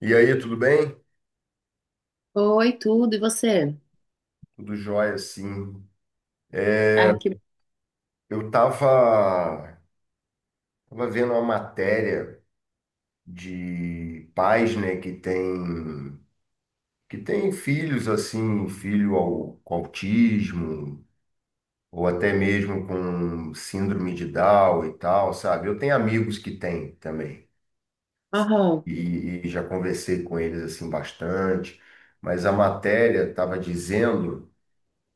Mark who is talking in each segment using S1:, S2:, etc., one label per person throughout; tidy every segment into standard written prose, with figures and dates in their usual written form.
S1: E aí, tudo bem?
S2: Oi, tudo, e você?
S1: Tudo jóia, sim. É,
S2: Ah, que...
S1: Eu tava, tava vendo uma matéria de pais, né, que tem filhos, assim, com autismo, ou até mesmo com síndrome de Down e tal, sabe? Eu tenho amigos que têm também,
S2: Aham.
S1: e já conversei com eles, assim, bastante, mas a matéria tava dizendo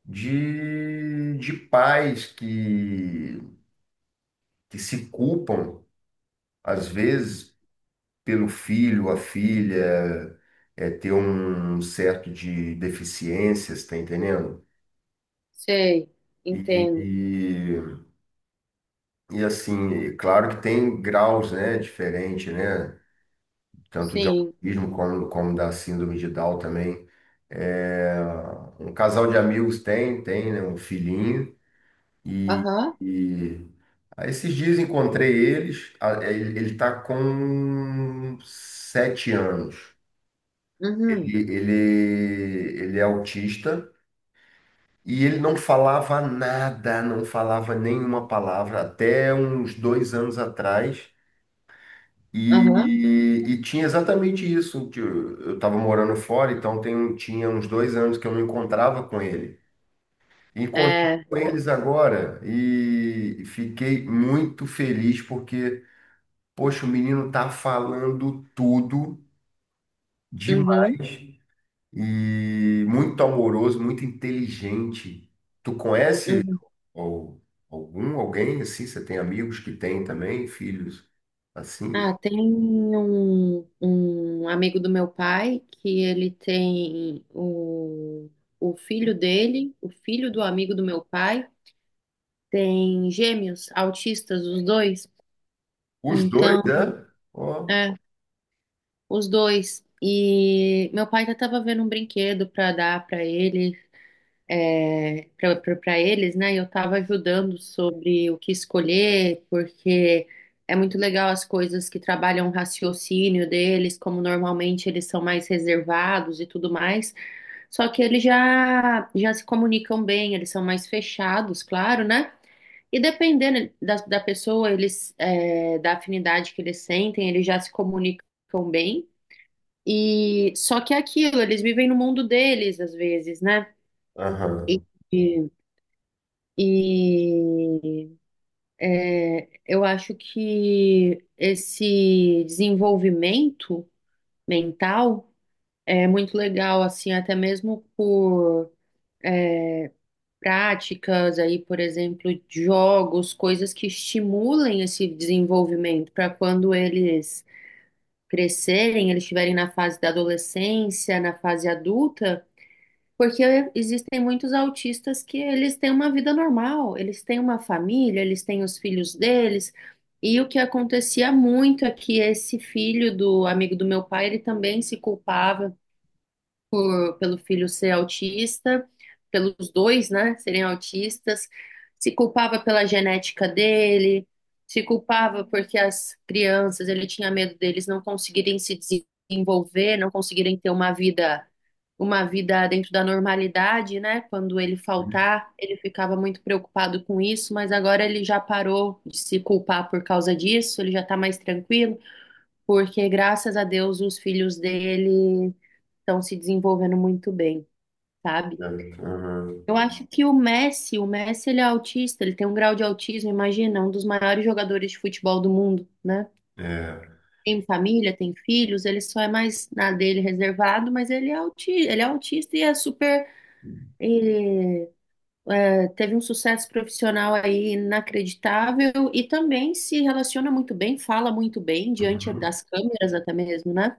S1: de pais que se culpam às vezes pelo filho, a filha é, ter um certo de deficiências, tá entendendo?
S2: Sei,
S1: E,
S2: entendo.
S1: e, e, assim, é claro que tem graus, né, diferente, né, tanto de
S2: Sim.
S1: autismo como, como da síndrome de Down também. É, um casal de amigos tem, né, um filhinho e,
S2: Aham.
S1: e aí esses dias encontrei eles, ele, ele tá com sete anos.
S2: Uhum.
S1: Ele é autista e ele não falava nada, não falava nenhuma palavra até uns dois anos atrás.
S2: Aham.
S1: E tinha exatamente isso. que Eu estava morando fora, então tinha uns dois anos que eu não encontrava com ele. Encontrei
S2: É.
S1: com eles agora e fiquei muito feliz porque, poxa, o menino tá falando tudo
S2: Uhum.
S1: demais. E muito amoroso, muito inteligente. Tu conhece
S2: Uhum.
S1: al- alguém assim? Você tem amigos que têm também filhos assim?
S2: Ah, tem um amigo do meu pai que ele tem o filho dele, o filho do amigo do meu pai, tem gêmeos, autistas, os dois.
S1: Os dois,
S2: Então,
S1: né? Ó,
S2: é, os dois. E meu pai já tava vendo um brinquedo para dar para ele, para eles, né? E eu estava ajudando sobre o que escolher, porque é muito legal as coisas que trabalham o raciocínio deles, como normalmente eles são mais reservados e tudo mais. Só que eles já, já se comunicam bem, eles são mais fechados, claro, né? E dependendo da pessoa, eles, é, da afinidade que eles sentem, eles já se comunicam bem. E só que é aquilo, eles vivem no mundo deles às vezes, né?
S1: aham.
S2: E e é, eu acho que esse desenvolvimento mental é muito legal, assim, até mesmo por práticas aí, por exemplo, de jogos, coisas que estimulem esse desenvolvimento para quando eles crescerem, eles estiverem na fase da adolescência, na fase adulta. Porque existem muitos autistas que eles têm uma vida normal, eles têm uma família, eles têm os filhos deles. E o que acontecia muito é que esse filho do amigo do meu pai, ele também se culpava pelo filho ser autista, pelos dois, né, serem autistas, se culpava pela genética dele, se culpava porque as crianças, ele tinha medo deles não conseguirem se desenvolver, não conseguirem ter uma vida dentro da normalidade, né? Quando ele faltar, ele ficava muito preocupado com isso, mas agora ele já parou de se culpar por causa disso, ele já está mais tranquilo porque graças a Deus os filhos dele estão se desenvolvendo muito bem, sabe?
S1: Aham,
S2: Eu acho que o Messi ele é autista, ele tem um grau de autismo, imagina, um dos maiores jogadores de futebol do mundo, né?
S1: é.
S2: Tem família, tem filhos, ele só é mais na dele reservado, mas ele é autista e é super, teve um sucesso profissional aí inacreditável e também se relaciona muito bem, fala muito bem diante
S1: Uhum.
S2: das câmeras até mesmo, né?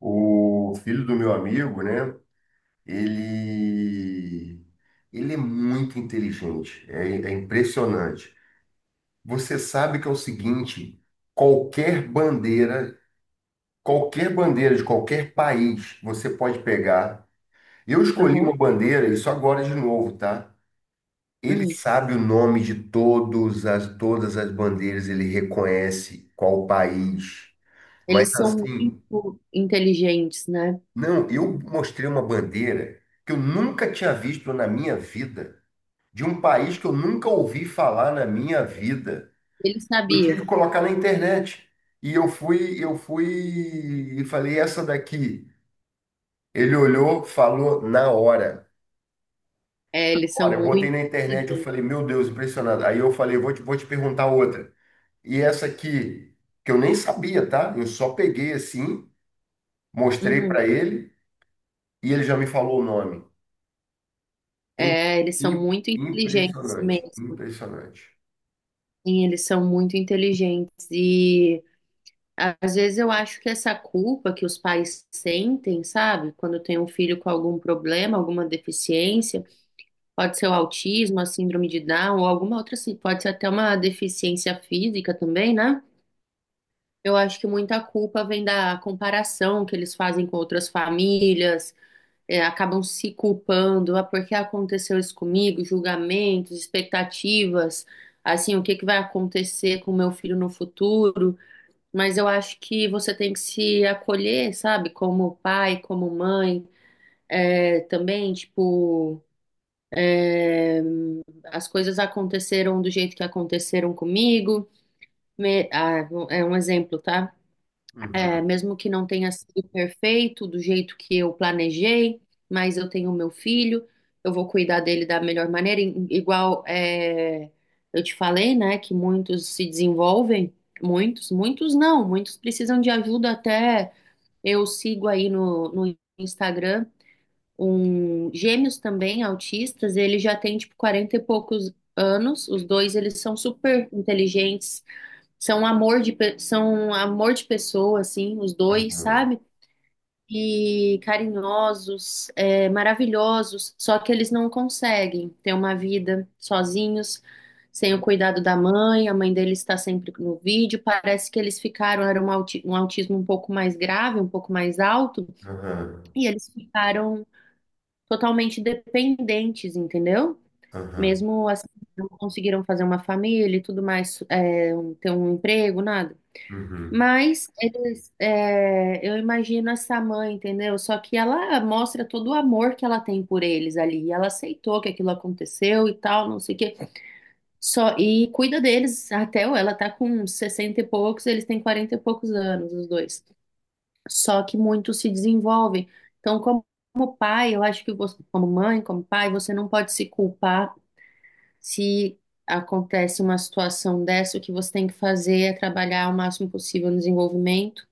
S1: O filho do meu amigo, né? Ele, ele é muito inteligente, é impressionante. Você sabe que é o seguinte: qualquer bandeira qualquer bandeira de qualquer país você pode pegar. Eu escolhi uma
S2: Aham.
S1: bandeira, isso agora de novo, tá? Ele
S2: Hum.
S1: sabe o nome de todas as bandeiras, ele reconhece qual país. Mas
S2: Eles são
S1: assim,
S2: muito inteligentes, né?
S1: não, eu mostrei uma bandeira que eu nunca tinha visto na minha vida, de um país que eu nunca ouvi falar na minha vida.
S2: Ele
S1: Eu
S2: sabia.
S1: tive que colocar na internet. E eu fui e falei, essa daqui. Ele olhou, falou na hora.
S2: É, eles
S1: Olha,
S2: são
S1: eu botei
S2: muito
S1: na internet, eu
S2: inteligentes.
S1: falei, meu Deus, impressionado. Aí eu falei, vou te perguntar outra. E essa aqui, que eu nem sabia, tá? Eu só peguei assim, mostrei para
S2: Uhum.
S1: ele e ele já me falou o nome. É im-
S2: É, eles são muito inteligentes
S1: impressionante,
S2: mesmo.
S1: impressionante.
S2: Sim, eles são muito inteligentes. E às vezes eu acho que essa culpa que os pais sentem, sabe? Quando tem um filho com algum problema, alguma deficiência, pode ser o autismo, a síndrome de Down, ou alguma outra, assim, pode ser até uma deficiência física também, né? Eu acho que muita culpa vem da comparação que eles fazem com outras famílias, é, acabam se culpando, ah, por que aconteceu isso comigo? Julgamentos, expectativas, assim, o que que vai acontecer com o meu filho no futuro? Mas eu acho que você tem que se acolher, sabe? Como pai, como mãe, é, também, tipo, as coisas aconteceram do jeito que aconteceram comigo. Ah, é um exemplo, tá? É,
S1: Uhum,
S2: mesmo que não tenha sido perfeito do jeito que eu planejei, mas eu tenho meu filho, eu vou cuidar dele da melhor maneira. Igual é, eu te falei, né, que muitos se desenvolvem, muitos, muitos não, muitos precisam de ajuda até. Eu sigo aí no Instagram um gêmeos também, autistas, ele já tem tipo 40 e poucos anos, os dois eles são super inteligentes, são amor de, são amor de pessoa, assim, os dois,
S1: uhum,
S2: sabe? E carinhosos, é, maravilhosos, só que eles não conseguem ter uma vida sozinhos, sem o cuidado da mãe, a mãe deles está sempre no vídeo, parece que eles ficaram, era um, um autismo um pouco mais grave, um pouco mais alto,
S1: uhum,
S2: e eles ficaram totalmente dependentes, entendeu?
S1: uhum,
S2: Mesmo assim, não conseguiram fazer uma família e tudo mais, é, ter um emprego, nada.
S1: uhum,
S2: Mas eles, é, eu imagino essa mãe, entendeu? Só que ela mostra todo o amor que ela tem por eles ali. E ela aceitou que aquilo aconteceu e tal, não sei o quê. Só, e cuida deles até ela tá com 60 e poucos, eles têm 40 e poucos anos, os dois. Só que muitos se desenvolvem. Então, como, como pai, eu acho que você, como mãe, como pai, você não pode se culpar se acontece uma situação dessa. O que você tem que fazer é trabalhar o máximo possível no desenvolvimento.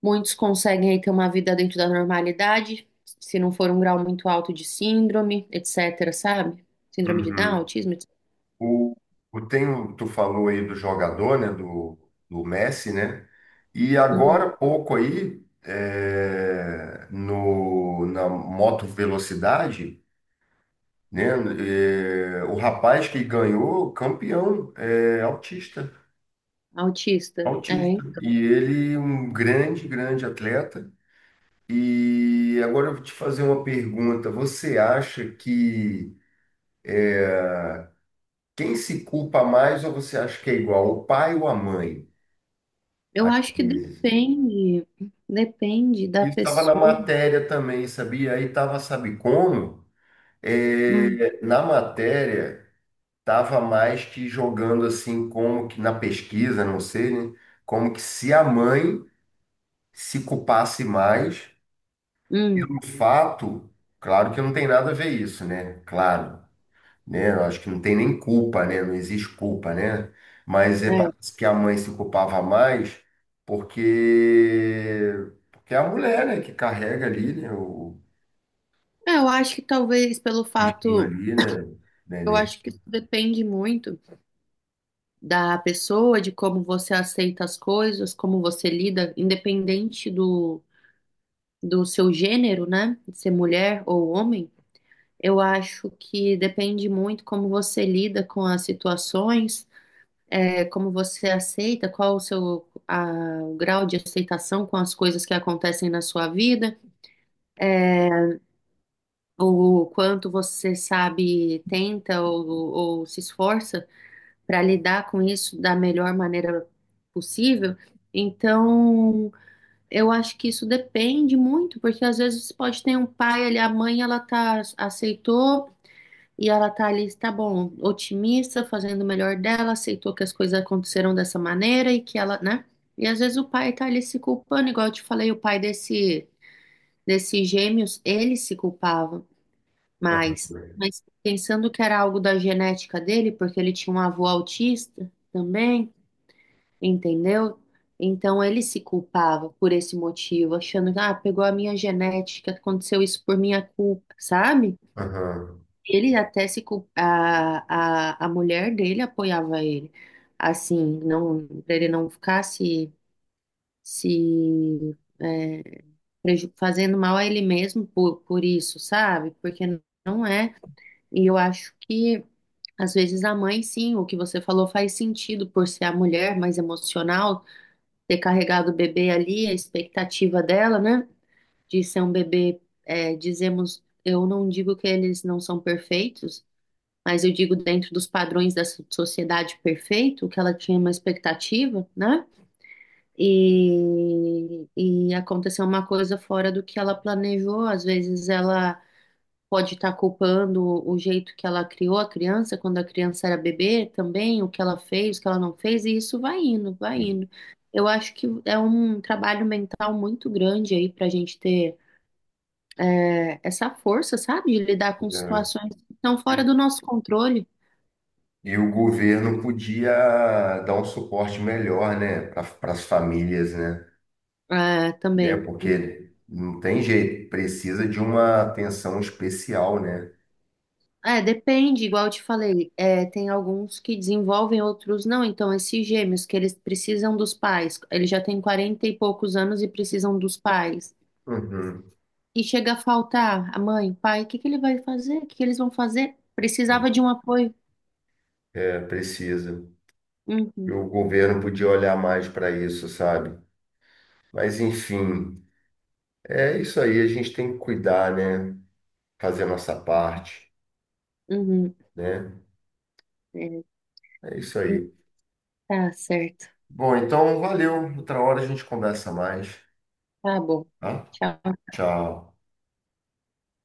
S2: Muitos conseguem aí ter uma vida dentro da normalidade, se não for um grau muito alto de síndrome, etc, sabe? Síndrome de Down,
S1: uhum.
S2: autismo, etc.
S1: O, Tu falou aí do jogador, né, do Messi, né? E agora
S2: Uhum.
S1: há pouco aí é, no na moto velocidade, né? É, o rapaz que ganhou campeão é autista,
S2: Autista. É.
S1: autista. E ele é um grande, grande atleta. E agora eu vou te fazer uma pergunta. Você acha que quem se culpa mais ou você acha que é igual, o pai ou a mãe?
S2: Eu
S1: Às
S2: acho que
S1: vezes.
S2: depende da
S1: Isso estava na
S2: pessoa.
S1: matéria também, sabia? Aí estava, sabe como?
S2: Hum.
S1: É, na matéria, estava mais que jogando assim, como que na pesquisa, não sei, né? Como que se a mãe se culpasse mais
S2: Hum.
S1: pelo fato, claro que não tem nada a ver isso, né? Claro, né? Eu acho que não tem nem culpa, né? Não existe culpa, né? Mas é,
S2: É.
S1: parece que a mãe se culpava mais porque, porque é a mulher, né, que carrega ali, né?
S2: É, eu acho que talvez pelo
S1: Bichinho
S2: fato,
S1: ali, né?
S2: eu
S1: Neném.
S2: acho que isso depende muito da pessoa, de como você aceita as coisas, como você lida, independente do seu gênero, né? De ser mulher ou homem. Eu acho que depende muito como você lida com as situações, é, como você aceita, qual o grau de aceitação com as coisas que acontecem na sua vida, é, o quanto você sabe, tenta ou se esforça para lidar com isso da melhor maneira possível. Então, eu acho que isso depende muito, porque às vezes pode ter um pai ali, a mãe ela tá aceitou. E ela tá ali, tá bom, otimista, fazendo o melhor dela, aceitou que as coisas aconteceram dessa maneira e que ela, né? E às vezes o pai tá ali se culpando, igual eu te falei, o pai desse, desses gêmeos, ele se culpava mais. Mas pensando que era algo da genética dele, porque ele tinha um avô autista também, entendeu? Então ele se culpava por esse motivo, achando que, ah, pegou a minha genética, aconteceu isso por minha culpa, sabe?
S1: Aham.
S2: Ele até se a mulher dele apoiava ele, assim, não para ele não ficar se, se é, fazendo mal a ele mesmo por isso, sabe? Porque não é. E eu acho que às vezes a mãe, sim, o que você falou faz sentido por ser a mulher mais emocional, ter carregado o bebê ali, a expectativa dela, né? De ser um bebê, é, dizemos, eu não digo que eles não são perfeitos, mas eu digo dentro dos padrões da sociedade perfeito, que ela tinha uma expectativa, né? E aconteceu uma coisa fora do que ela planejou. Às vezes ela pode estar culpando o jeito que ela criou a criança, quando a criança era bebê também, o que ela fez, o que ela não fez, e isso vai indo, vai indo. Eu acho que é um trabalho mental muito grande aí para a gente ter é, essa força, sabe, de lidar com
S1: É.
S2: situações que estão fora do nosso controle.
S1: E o governo podia dar um suporte melhor, né, para as famílias, né?
S2: É,
S1: Né?
S2: também.
S1: Porque não tem jeito, precisa de uma atenção especial, né?
S2: É, depende, igual eu te falei, é, tem alguns que desenvolvem, outros não. Então, esses gêmeos que eles precisam dos pais, eles já têm 40 e poucos anos e precisam dos pais.
S1: Uhum.
S2: E chega a faltar a mãe, o pai, o que que ele vai fazer? O que que eles vão fazer? Precisava de um apoio.
S1: É, precisa. E
S2: Uhum.
S1: o governo podia olhar mais para isso, sabe? Mas, enfim, é isso aí, a gente tem que cuidar, né? Fazer a nossa parte,
S2: Uhum.
S1: né?
S2: É,
S1: É isso aí.
S2: tá certo.
S1: Bom, então valeu. Outra hora a gente conversa mais,
S2: Tá bom.
S1: tá?
S2: Tchau.
S1: Tchau.